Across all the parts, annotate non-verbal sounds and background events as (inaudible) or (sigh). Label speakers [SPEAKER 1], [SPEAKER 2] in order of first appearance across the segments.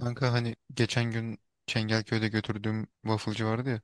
[SPEAKER 1] Kanka hani geçen gün Çengelköy'de götürdüğüm wafflecı vardı ya.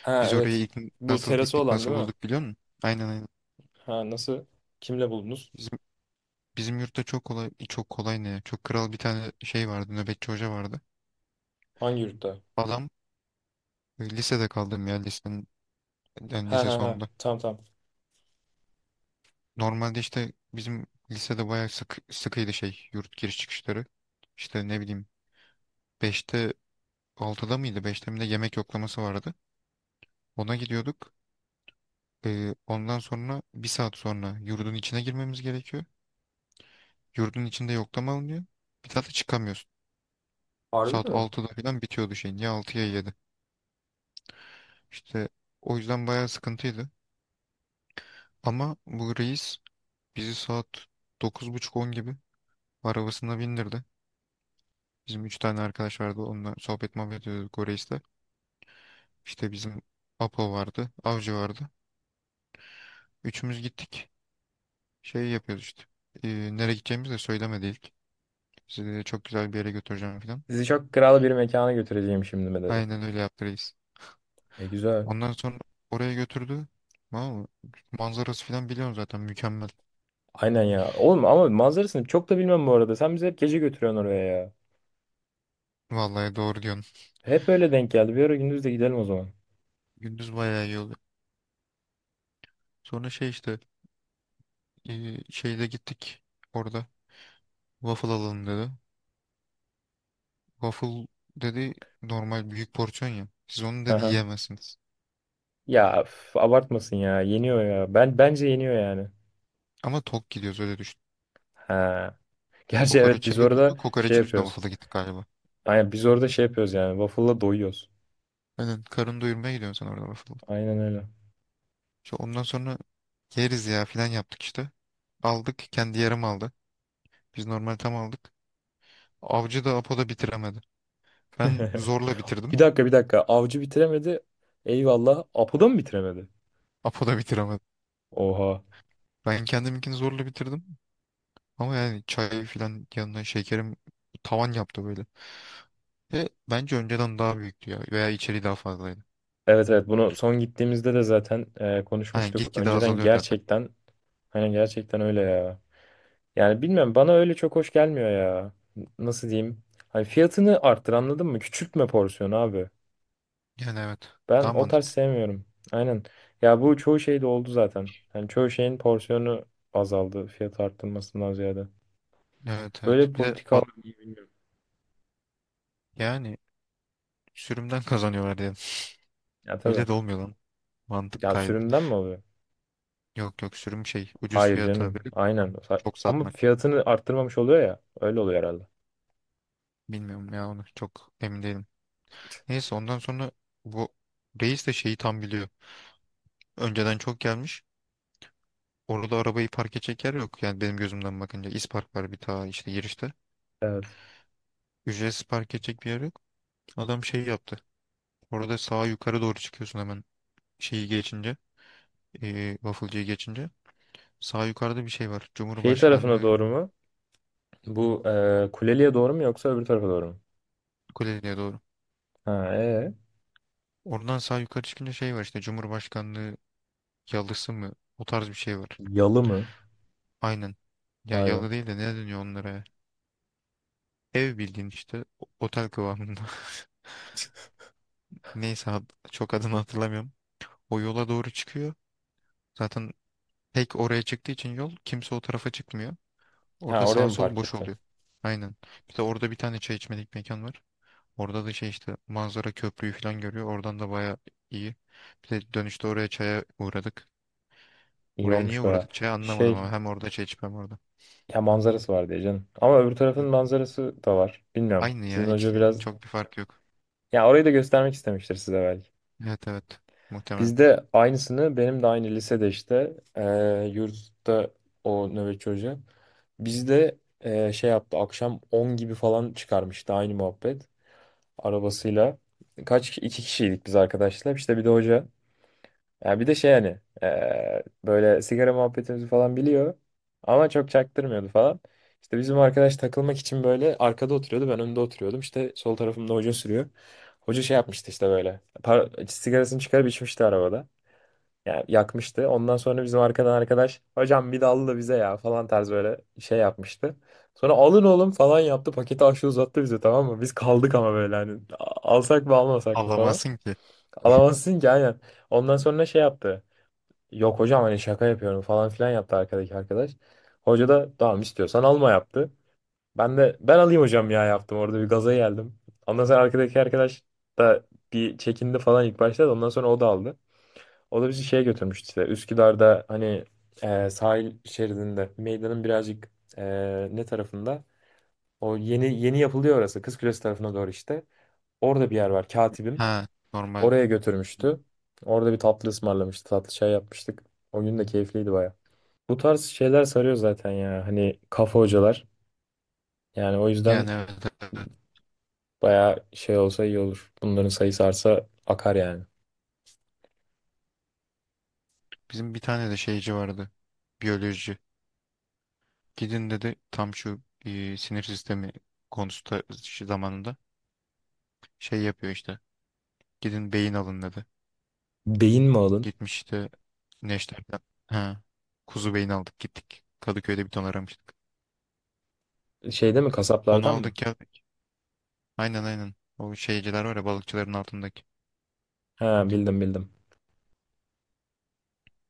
[SPEAKER 2] Ha
[SPEAKER 1] Biz oraya
[SPEAKER 2] evet.
[SPEAKER 1] ilk
[SPEAKER 2] Bu
[SPEAKER 1] nasıl
[SPEAKER 2] terası
[SPEAKER 1] gittik
[SPEAKER 2] olan
[SPEAKER 1] nasıl
[SPEAKER 2] değil mi?
[SPEAKER 1] bulduk biliyor musun? Aynen aynen.
[SPEAKER 2] Ha nasıl? Kimle buldunuz?
[SPEAKER 1] Bizim, bizim yurtta çok kolay çok kolay ne ya? Çok kral bir tane şey vardı nöbetçi hoca vardı.
[SPEAKER 2] Hangi yurtta?
[SPEAKER 1] Adam lisede kaldım ya lisenin yani
[SPEAKER 2] Ha
[SPEAKER 1] lise
[SPEAKER 2] ha ha.
[SPEAKER 1] sonunda.
[SPEAKER 2] Tamam tamam.
[SPEAKER 1] Normalde işte bizim lisede bayağı sıkıydı şey yurt giriş çıkışları. İşte ne bileyim 5'te 6'da mıydı, 5'te mi ne yemek yoklaması vardı. Ona gidiyorduk. Ondan sonra bir saat sonra yurdun içine girmemiz gerekiyor. Yurdun içinde yoklama alınıyor. Bir daha da çıkamıyorsun.
[SPEAKER 2] Harbi
[SPEAKER 1] Saat
[SPEAKER 2] mi?
[SPEAKER 1] 6'da falan bitiyordu şeyin. Ya 6 ya 7? İşte o yüzden bayağı sıkıntıydı. Ama bu reis bizi saat 9.30 on gibi arabasına bindirdi. Bizim 3 tane arkadaş vardı. Onunla sohbet muhabbet ediyorduk o reisle. İşte bizim Apo vardı. Avcı vardı. Üçümüz gittik. Şey yapıyoruz işte. Nereye gideceğimizi de söylemedi ilk. Sizi de çok güzel bir yere götüreceğim falan.
[SPEAKER 2] Sizi çok kral bir mekana götüreceğim şimdi mi dedi.
[SPEAKER 1] Aynen öyle yaptı reis.
[SPEAKER 2] E güzel.
[SPEAKER 1] Ondan sonra oraya götürdü. Tamam mı? Manzarası falan biliyorum zaten mükemmel.
[SPEAKER 2] Aynen ya. Oğlum ama manzarasını çok da bilmem bu arada. Sen bizi hep gece götürüyorsun oraya ya.
[SPEAKER 1] Vallahi doğru diyorsun.
[SPEAKER 2] Hep öyle denk geldi. Bir ara gündüz de gidelim o zaman.
[SPEAKER 1] Gündüz bayağı iyi oluyor. Sonra şey işte şeyde gittik orada. Waffle alalım dedi. Waffle dedi normal büyük porsiyon ya. Siz onu
[SPEAKER 2] Ha
[SPEAKER 1] dedi
[SPEAKER 2] ha.
[SPEAKER 1] yiyemezsiniz.
[SPEAKER 2] Ya üf, abartmasın ya. Yeniyor ya. Ben bence yeniyor yani.
[SPEAKER 1] Ama tok gidiyoruz öyle düşün.
[SPEAKER 2] Ha. Gerçi evet biz
[SPEAKER 1] Kokoreçe götürdü.
[SPEAKER 2] orada şey
[SPEAKER 1] Kokoreçin üstüne
[SPEAKER 2] yapıyoruz.
[SPEAKER 1] waffle'a gittik galiba.
[SPEAKER 2] Aynen biz orada şey yapıyoruz yani. Waffle'la doyuyoruz.
[SPEAKER 1] Aynen karın doyurmaya gidiyorsun sen orada waffle'a.
[SPEAKER 2] Aynen öyle.
[SPEAKER 1] İşte ondan sonra yeriz ya falan yaptık işte. Aldık kendi yarım aldı. Biz normal tam aldık. Avcı da Apo da bitiremedi. Ben
[SPEAKER 2] (laughs)
[SPEAKER 1] zorla bitirdim.
[SPEAKER 2] Bir dakika bir dakika. Avcı bitiremedi. Eyvallah. Apo da mı bitiremedi?
[SPEAKER 1] Apo da bitiremedi.
[SPEAKER 2] Oha.
[SPEAKER 1] Ben kendiminkini zorla bitirdim. Ama yani çay falan yanına şekerim tavan yaptı böyle. Ve bence önceden daha büyüktü ya. Veya içeriği daha fazlaydı.
[SPEAKER 2] Evet evet bunu son gittiğimizde de zaten
[SPEAKER 1] Hani
[SPEAKER 2] konuşmuştuk.
[SPEAKER 1] gitgide
[SPEAKER 2] Önceden
[SPEAKER 1] azalıyor zaten.
[SPEAKER 2] gerçekten hani gerçekten öyle ya. Yani bilmem bana öyle çok hoş gelmiyor ya. Nasıl diyeyim? Hani fiyatını arttır anladın mı? Küçültme porsiyonu abi.
[SPEAKER 1] Yani evet.
[SPEAKER 2] Ben
[SPEAKER 1] Daha
[SPEAKER 2] o tarz
[SPEAKER 1] mantıklı.
[SPEAKER 2] sevmiyorum. Aynen. Ya bu çoğu şeyde oldu zaten. Hani çoğu şeyin porsiyonu azaldı fiyat arttırmasından ziyade.
[SPEAKER 1] Evet
[SPEAKER 2] Böyle
[SPEAKER 1] evet.
[SPEAKER 2] bir
[SPEAKER 1] Bir de
[SPEAKER 2] politika var mı bilmiyorum.
[SPEAKER 1] yani sürümden (laughs) kazanıyorlar diye.
[SPEAKER 2] Ya tabii.
[SPEAKER 1] Öyle de olmuyor lan. Mantık
[SPEAKER 2] Ya
[SPEAKER 1] kaydı.
[SPEAKER 2] sürümden mi oluyor?
[SPEAKER 1] Yok yok, sürüm şey ucuz
[SPEAKER 2] Hayır
[SPEAKER 1] fiyata
[SPEAKER 2] canım.
[SPEAKER 1] verip
[SPEAKER 2] Aynen.
[SPEAKER 1] çok
[SPEAKER 2] Ama
[SPEAKER 1] satmak.
[SPEAKER 2] fiyatını arttırmamış oluyor ya. Öyle oluyor herhalde.
[SPEAKER 1] Bilmiyorum ya, onu çok emin değilim. Neyse ondan sonra bu reis de şeyi tam biliyor. Önceden çok gelmiş. Orada arabayı park edecek yer yok. Yani benim gözümden bakınca İspark var bir işte girişte.
[SPEAKER 2] Evet.
[SPEAKER 1] Ücretsiz park edecek bir yer yok. Adam şey yaptı. Orada sağa yukarı doğru çıkıyorsun hemen şeyi geçince. Waffle'cıyı geçince. Sağ yukarıda bir şey var.
[SPEAKER 2] Şey tarafına
[SPEAKER 1] Cumhurbaşkanlığı.
[SPEAKER 2] doğru mu? Bu Kuleli'ye doğru mu yoksa öbür tarafa doğru mu?
[SPEAKER 1] Kuleli'ye doğru.
[SPEAKER 2] Ha, ee?
[SPEAKER 1] Oradan sağ yukarı çıkınca şey var işte, Cumhurbaşkanlığı yalısı mı? O tarz bir şey var.
[SPEAKER 2] Yalı mı?
[SPEAKER 1] Aynen. Ya,
[SPEAKER 2] Vay be.
[SPEAKER 1] yalı değil de ne deniyor onlara, ya? Ev bildiğin işte, otel kıvamında. (laughs) Neyse çok adını hatırlamıyorum. O yola doğru çıkıyor. Zaten tek oraya çıktığı için yol, kimse o tarafa çıkmıyor.
[SPEAKER 2] Ha
[SPEAKER 1] Orada
[SPEAKER 2] oraya
[SPEAKER 1] sağ
[SPEAKER 2] mı
[SPEAKER 1] sol
[SPEAKER 2] park
[SPEAKER 1] boş
[SPEAKER 2] etti?
[SPEAKER 1] oluyor. Aynen. Bir de orada bir tane çay içmelik mekan var. Orada da şey işte, manzara köprüyü falan görüyor. Oradan da baya iyi. Bir de dönüşte oraya çaya uğradık.
[SPEAKER 2] İyi
[SPEAKER 1] Oraya niye
[SPEAKER 2] olmuş baya.
[SPEAKER 1] uğradık çaya anlamadım
[SPEAKER 2] Şey
[SPEAKER 1] ama hem orada çay içmem orada.
[SPEAKER 2] ya manzarası var diye canım. Ama öbür tarafın
[SPEAKER 1] Evet.
[SPEAKER 2] manzarası da var. Bilmiyorum.
[SPEAKER 1] Aynı ya,
[SPEAKER 2] Sizin hoca
[SPEAKER 1] ikisi
[SPEAKER 2] biraz
[SPEAKER 1] çok bir fark yok.
[SPEAKER 2] ya orayı da göstermek istemiştir size belki.
[SPEAKER 1] Evet evet, muhtemelen.
[SPEAKER 2] Bizde aynısını benim de aynı lisede işte yurtta o nöbetçi hoca. Bizde şey yaptı akşam 10 gibi falan çıkarmıştı aynı muhabbet arabasıyla. Kaç kişi? İki kişiydik biz arkadaşlar işte bir de hoca. Yani bir de şey hani böyle sigara muhabbetimizi falan biliyor ama çok çaktırmıyordu falan. İşte bizim arkadaş takılmak için böyle arkada oturuyordu, ben önde oturuyordum işte, sol tarafımda hoca sürüyor. Hoca şey yapmıştı işte, böyle sigarasını çıkarıp içmişti arabada. Yani yakmıştı. Ondan sonra bizim arkadan arkadaş, hocam bir dallı da bize ya falan tarz böyle şey yapmıştı. Sonra alın oğlum falan yaptı. Paketi aşağı uzattı bize, tamam mı? Biz kaldık ama böyle hani "Alsak mı almasak mı falan.
[SPEAKER 1] Avlamasın ki.
[SPEAKER 2] Alamazsın ki aynen. Ondan sonra şey yaptı. Yok hocam, hani şaka yapıyorum falan filan yaptı arkadaki arkadaş. Hoca da tamam istiyorsan alma yaptı. Ben de ben alayım hocam ya yaptım. Orada bir gaza geldim. Ondan sonra arkadaki arkadaş da bir çekindi falan ilk başta, da ondan sonra o da aldı. O da bizi şeye götürmüştü işte. Üsküdar'da hani sahil şeridinde meydanın birazcık ne tarafında? O yeni yeni yapılıyor orası. Kızkulesi tarafına doğru işte. Orada bir yer var. Katibim.
[SPEAKER 1] Ha, normal.
[SPEAKER 2] Oraya götürmüştü. Orada bir tatlı ısmarlamıştı. Tatlı çay yapmıştık. O gün de keyifliydi baya. Bu tarz şeyler sarıyor zaten ya. Hani kafa hocalar. Yani o
[SPEAKER 1] Yani
[SPEAKER 2] yüzden
[SPEAKER 1] evet, evet. Evet.
[SPEAKER 2] baya şey olsa iyi olur. Bunların sayısı artsa akar yani.
[SPEAKER 1] Bizim bir tane de şeyci vardı. Biyoloji. Gidin dedi tam şu sinir sistemi konusunda şu zamanında şey yapıyor işte. Gidin beyin alın dedi.
[SPEAKER 2] Beyin mi alın?
[SPEAKER 1] Gitmiş işte Neşter'den. Ha, kuzu beyin aldık gittik. Kadıköy'de bir ton aramıştık.
[SPEAKER 2] Şeyde mi,
[SPEAKER 1] Onu
[SPEAKER 2] kasaplardan
[SPEAKER 1] aldık
[SPEAKER 2] mı?
[SPEAKER 1] geldik. Aynen aynen. O şeyciler var ya, balıkçıların altındaki.
[SPEAKER 2] Ha bildim bildim.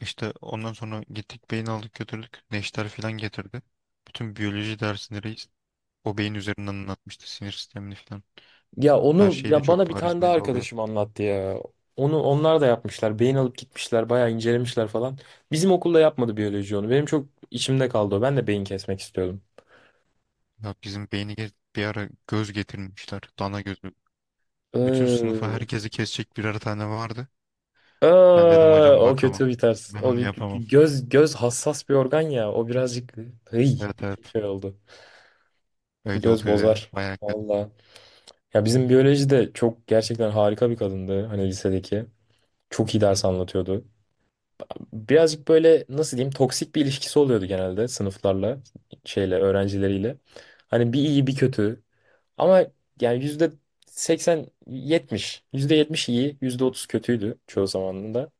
[SPEAKER 1] İşte ondan sonra gittik beyin aldık götürdük. Neşter falan getirdi. Bütün biyoloji dersindeyiz. O beyin üzerinden anlatmıştı sinir sistemini falan.
[SPEAKER 2] Ya
[SPEAKER 1] Her
[SPEAKER 2] onu
[SPEAKER 1] şey de
[SPEAKER 2] ya, bana
[SPEAKER 1] çok
[SPEAKER 2] bir tane
[SPEAKER 1] bariz
[SPEAKER 2] daha
[SPEAKER 1] belli oluyordu.
[SPEAKER 2] arkadaşım anlattı ya. Onu onlar da yapmışlar. Beyin alıp gitmişler, bayağı incelemişler falan. Bizim okulda yapmadı biyoloji onu. Benim çok içimde kaldı o. Ben de beyin kesmek istiyordum.
[SPEAKER 1] Ya bizim beyni bir ara göz getirmişler. Dana gözü. Bütün sınıfa
[SPEAKER 2] Ee,
[SPEAKER 1] herkesi kesecek birer tane vardı. Ben dedim
[SPEAKER 2] aa,
[SPEAKER 1] hocam
[SPEAKER 2] o
[SPEAKER 1] bakamam.
[SPEAKER 2] kötü bir ters.
[SPEAKER 1] Ben
[SPEAKER 2] O
[SPEAKER 1] onu
[SPEAKER 2] bir-
[SPEAKER 1] yapamam.
[SPEAKER 2] göz göz hassas bir organ ya. O birazcık hıy,
[SPEAKER 1] Evet
[SPEAKER 2] bir
[SPEAKER 1] evet.
[SPEAKER 2] şey oldu.
[SPEAKER 1] Öyle
[SPEAKER 2] Göz
[SPEAKER 1] oluyor ya.
[SPEAKER 2] bozar.
[SPEAKER 1] Bayağı kötü.
[SPEAKER 2] Valla. Ya bizim biyoloji de çok gerçekten harika bir kadındı. Hani lisedeki. Çok iyi ders anlatıyordu. Birazcık böyle, nasıl diyeyim, toksik bir ilişkisi oluyordu genelde sınıflarla, şeyle, öğrencileriyle. Hani bir iyi bir kötü. Ama yani yüzde 80, 70. Yüzde 70 iyi, yüzde 30 kötüydü çoğu zamanında.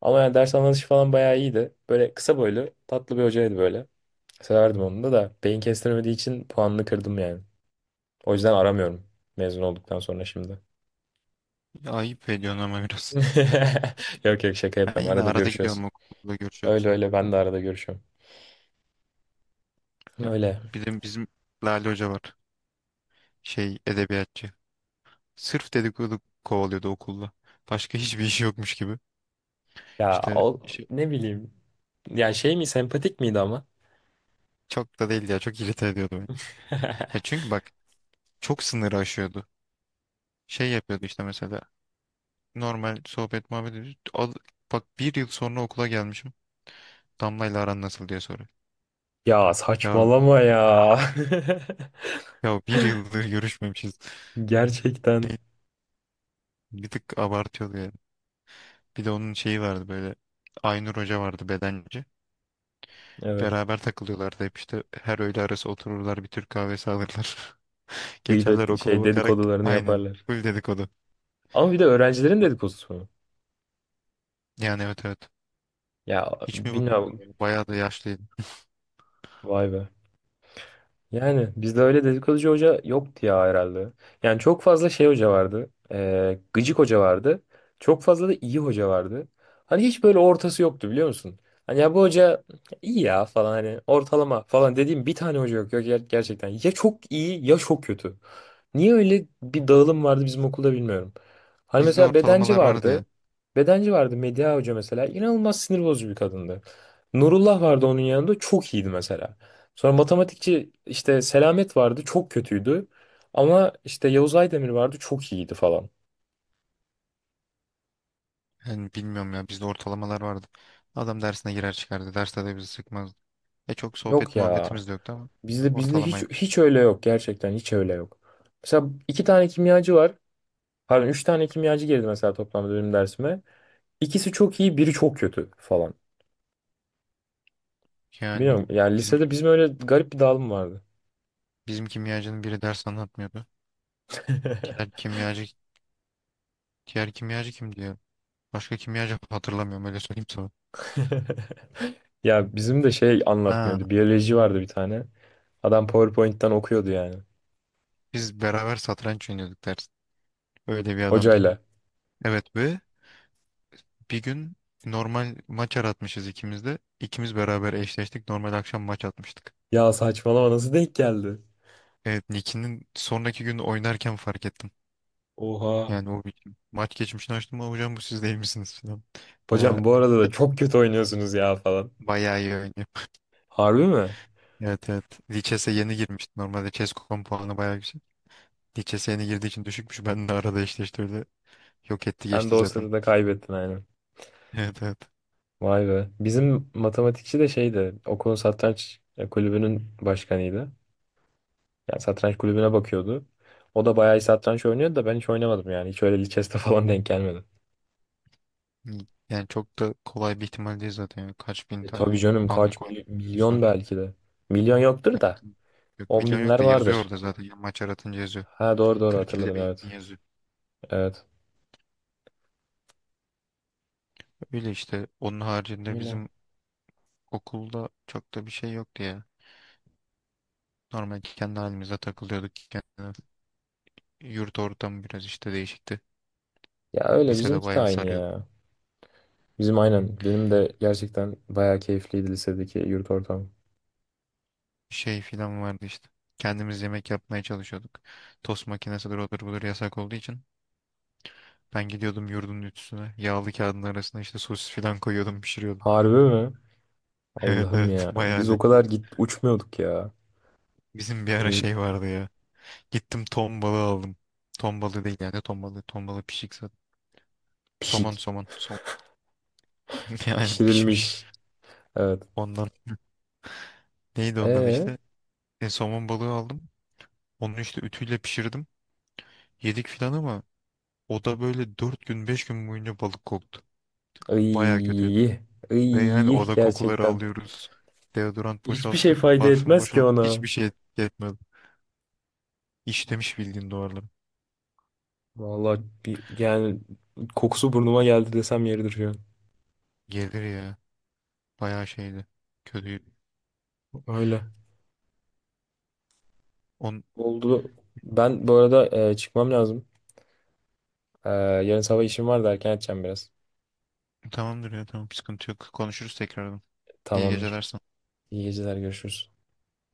[SPEAKER 2] Ama yani ders anlatışı falan bayağı iyiydi. Böyle kısa boylu, tatlı bir hocaydı böyle. Severdim onu da beyin kestiremediği için puanını kırdım yani. O yüzden aramıyorum mezun olduktan sonra şimdi.
[SPEAKER 1] Ya, ayıp ediyorsun ama biraz.
[SPEAKER 2] (laughs) Yok yok şaka
[SPEAKER 1] Ya,
[SPEAKER 2] yapıyorum.
[SPEAKER 1] yine
[SPEAKER 2] Arada
[SPEAKER 1] arada
[SPEAKER 2] görüşüyoruz.
[SPEAKER 1] gidiyorum okulda
[SPEAKER 2] Öyle
[SPEAKER 1] görüşüyoruz.
[SPEAKER 2] öyle, ben
[SPEAKER 1] Ha.
[SPEAKER 2] de arada görüşüyorum.
[SPEAKER 1] Ya,
[SPEAKER 2] Öyle.
[SPEAKER 1] bizim Lale Hoca var. Şey, edebiyatçı. Sırf dedikodu kovalıyordu okulda. Başka hiçbir işi yokmuş gibi.
[SPEAKER 2] Ya
[SPEAKER 1] İşte
[SPEAKER 2] o,
[SPEAKER 1] şey,
[SPEAKER 2] ne bileyim. Ya şey mi, sempatik miydi ama?
[SPEAKER 1] çok da değil ya. Çok irite ediyordu beni. Ya
[SPEAKER 2] (laughs)
[SPEAKER 1] çünkü bak, çok sınırı aşıyordu, şey yapıyordu işte, mesela normal sohbet muhabbet ediyoruz. Bak bir yıl sonra okula gelmişim. Damla ile aran nasıl diye soruyor.
[SPEAKER 2] Ya
[SPEAKER 1] Ya
[SPEAKER 2] saçmalama ya.
[SPEAKER 1] ya, bir yıldır görüşmemişiz.
[SPEAKER 2] (laughs)
[SPEAKER 1] (laughs)
[SPEAKER 2] Gerçekten.
[SPEAKER 1] Be- Bir tık abartıyordu yani. Bir de onun şeyi vardı böyle. Aynur Hoca vardı, bedenci.
[SPEAKER 2] Evet.
[SPEAKER 1] Beraber takılıyorlardı hep işte, her öğle arası otururlar bir Türk kahvesi alırlar. (laughs) Geçerler
[SPEAKER 2] Gıybet
[SPEAKER 1] okula
[SPEAKER 2] şey,
[SPEAKER 1] bakarak,
[SPEAKER 2] dedikodularını
[SPEAKER 1] aynen
[SPEAKER 2] yaparlar.
[SPEAKER 1] full dedikodu.
[SPEAKER 2] Ama bir de öğrencilerin dedikodusu mu?
[SPEAKER 1] Yani evet evet.
[SPEAKER 2] Ya
[SPEAKER 1] Hiç mi bıkmadın
[SPEAKER 2] bilmiyorum.
[SPEAKER 1] ya? Bayağı da yaşlıydı.
[SPEAKER 2] Vay be. Yani bizde öyle dedikoducu hoca yoktu ya herhalde. Yani çok fazla şey hoca vardı. Gıcık hoca vardı. Çok fazla da iyi hoca vardı. Hani hiç böyle ortası yoktu biliyor musun? Hani ya bu hoca iyi ya falan, hani ortalama falan dediğim bir tane hoca yok. Yok gerçekten ya çok iyi ya çok kötü. Niye öyle bir dağılım vardı bizim okulda bilmiyorum. Hani
[SPEAKER 1] Bizde
[SPEAKER 2] mesela bedenci
[SPEAKER 1] ortalamalar vardı
[SPEAKER 2] vardı.
[SPEAKER 1] ya.
[SPEAKER 2] Bedenci vardı Medya Hoca mesela. İnanılmaz sinir bozucu bir kadındı. Nurullah vardı onun yanında, çok iyiydi mesela. Sonra matematikçi işte Selamet vardı, çok kötüydü. Ama işte Yavuz Aydemir vardı, çok iyiydi falan.
[SPEAKER 1] Yani bilmiyorum ya, bizde ortalamalar vardı. Adam dersine girer çıkardı. Derste de bizi sıkmazdı. E çok
[SPEAKER 2] Yok
[SPEAKER 1] sohbet
[SPEAKER 2] ya.
[SPEAKER 1] muhabbetimiz de yoktu ama
[SPEAKER 2] Bizde hiç
[SPEAKER 1] ortalamaydı işte.
[SPEAKER 2] hiç öyle yok, gerçekten hiç öyle yok. Mesela iki tane kimyacı var. Pardon, üç tane kimyacı girdi mesela toplamda benim dersime. İkisi çok iyi, biri çok kötü falan.
[SPEAKER 1] Yani
[SPEAKER 2] Bilmiyorum yani
[SPEAKER 1] bizim
[SPEAKER 2] lisede bizim öyle garip bir dağılım vardı.
[SPEAKER 1] bizim kimyacının biri ders anlatmıyordu. Diğer
[SPEAKER 2] (laughs)
[SPEAKER 1] kimyacı diğer kimyacı kim diyor. Başka kimyacı hatırlamıyorum, öyle söyleyeyim sana.
[SPEAKER 2] Ya bizim de şey
[SPEAKER 1] Ha,
[SPEAKER 2] anlatmıyordu. Biyoloji vardı bir tane. Adam PowerPoint'ten okuyordu yani.
[SPEAKER 1] biz beraber satranç oynuyorduk ders. Öyle bir adamdı.
[SPEAKER 2] Hocayla.
[SPEAKER 1] Evet. Ve bir gün normal maç aratmışız ikimiz de. İkimiz beraber eşleştik. Normal akşam maç atmıştık.
[SPEAKER 2] Ya saçmalama, nasıl denk geldi?
[SPEAKER 1] Evet, Niki'nin sonraki gün oynarken fark ettim.
[SPEAKER 2] Oha.
[SPEAKER 1] Yani o bir maç geçmişini açtım, ama hocam bu siz değil misiniz falan. Baya
[SPEAKER 2] Hocam bu arada da çok kötü oynuyorsunuz ya falan.
[SPEAKER 1] bayağı iyi oynuyor.
[SPEAKER 2] Harbi mi?
[SPEAKER 1] Evet evet. Lichess'e yeni girmişti. Normalde Chess.com puanı bayağı yüksek. Lichess'e yeni girdiği için düşükmüş. Ben de arada eşleştirdi. Yok etti
[SPEAKER 2] Ben de
[SPEAKER 1] geçti
[SPEAKER 2] o
[SPEAKER 1] zaten.
[SPEAKER 2] sırada kaybettin aynen.
[SPEAKER 1] Evet evet.
[SPEAKER 2] Vay be. Bizim matematikçi de şeydi. Okulun satranç kulübünün başkanıydı. Yani satranç kulübüne bakıyordu. O da bayağı iyi satranç oynuyordu da ben hiç oynamadım yani. Hiç öyle lichess'te (laughs) falan denk gelmedi.
[SPEAKER 1] Yani çok da kolay bir ihtimal değil zaten. Yani kaç bin
[SPEAKER 2] E tabii
[SPEAKER 1] tane
[SPEAKER 2] canım kaç
[SPEAKER 1] anlık oyun
[SPEAKER 2] milyon
[SPEAKER 1] var.
[SPEAKER 2] belki de. Milyon yoktur da.
[SPEAKER 1] Evet. Yok,
[SPEAKER 2] On
[SPEAKER 1] milyon yok
[SPEAKER 2] binler
[SPEAKER 1] da yazıyor
[SPEAKER 2] vardır.
[SPEAKER 1] orada zaten. Yani maç aratınca yazıyor.
[SPEAKER 2] Ha doğru doğru
[SPEAKER 1] 40-50
[SPEAKER 2] hatırladım
[SPEAKER 1] bin
[SPEAKER 2] evet.
[SPEAKER 1] yazıyor.
[SPEAKER 2] Evet.
[SPEAKER 1] Öyle işte. Onun haricinde
[SPEAKER 2] Öyle.
[SPEAKER 1] bizim okulda çok da bir şey yoktu ya. Normal kendi halimize takılıyorduk. Kendi yurt ortamı biraz işte değişikti.
[SPEAKER 2] Ya öyle
[SPEAKER 1] Lisede
[SPEAKER 2] bizimki de
[SPEAKER 1] bayağı
[SPEAKER 2] aynı
[SPEAKER 1] sarıyordu.
[SPEAKER 2] ya. Bizim aynen. Benim de gerçekten bayağı keyifliydi lisedeki yurt ortamı.
[SPEAKER 1] Şey filan vardı işte. Kendimiz yemek yapmaya çalışıyorduk. Tost makinesidir odur budur yasak olduğu için. Ben gidiyordum yurdun ütüsüne. Yağlı kağıdın arasına işte sosis filan koyuyordum pişiriyordum.
[SPEAKER 2] Harbi mi?
[SPEAKER 1] (laughs) Evet
[SPEAKER 2] Allah'ım
[SPEAKER 1] evet,
[SPEAKER 2] ya.
[SPEAKER 1] bayağı
[SPEAKER 2] Biz o
[SPEAKER 1] zevkli.
[SPEAKER 2] kadar git uçmuyorduk ya.
[SPEAKER 1] Bizim bir ara
[SPEAKER 2] Ay,
[SPEAKER 1] şey vardı ya. Gittim ton balığı aldım. Ton balığı değil yani, ton balığı. Ton balığı pişik zaten. Somon
[SPEAKER 2] Pişik.
[SPEAKER 1] somon. (laughs) Yani pişmiş.
[SPEAKER 2] Pişirilmiş. Evet.
[SPEAKER 1] Ondan. (laughs) Neydi ondan
[SPEAKER 2] Ee,
[SPEAKER 1] işte. Somon balığı aldım. Onu işte ütüyle pişirdim. Yedik filan ama o da böyle 4 gün 5 gün boyunca balık koktu. Baya
[SPEAKER 2] iyi.
[SPEAKER 1] kötüydü. Ve yani
[SPEAKER 2] İyi
[SPEAKER 1] oda kokuları
[SPEAKER 2] gerçekten.
[SPEAKER 1] alıyoruz. Deodorant
[SPEAKER 2] Hiçbir şey
[SPEAKER 1] boşalttık,
[SPEAKER 2] fayda
[SPEAKER 1] parfüm
[SPEAKER 2] etmez ki
[SPEAKER 1] boşalttık.
[SPEAKER 2] ona.
[SPEAKER 1] Hiçbir şey etki etmedi. İşlemiş bildiğin duvarları.
[SPEAKER 2] Vallahi bir, yani kokusu burnuma geldi desem yeridir şu an.
[SPEAKER 1] Gelir ya. Baya şeydi. Kötüydü.
[SPEAKER 2] Öyle.
[SPEAKER 1] On...
[SPEAKER 2] Oldu. Ben bu arada çıkmam lazım. Yarın sabah işim var da erken edeceğim biraz.
[SPEAKER 1] Tamamdır ya, tamam sıkıntı yok. Konuşuruz tekrardan. İyi
[SPEAKER 2] Tamamdır.
[SPEAKER 1] geceler.
[SPEAKER 2] İyi geceler görüşürüz.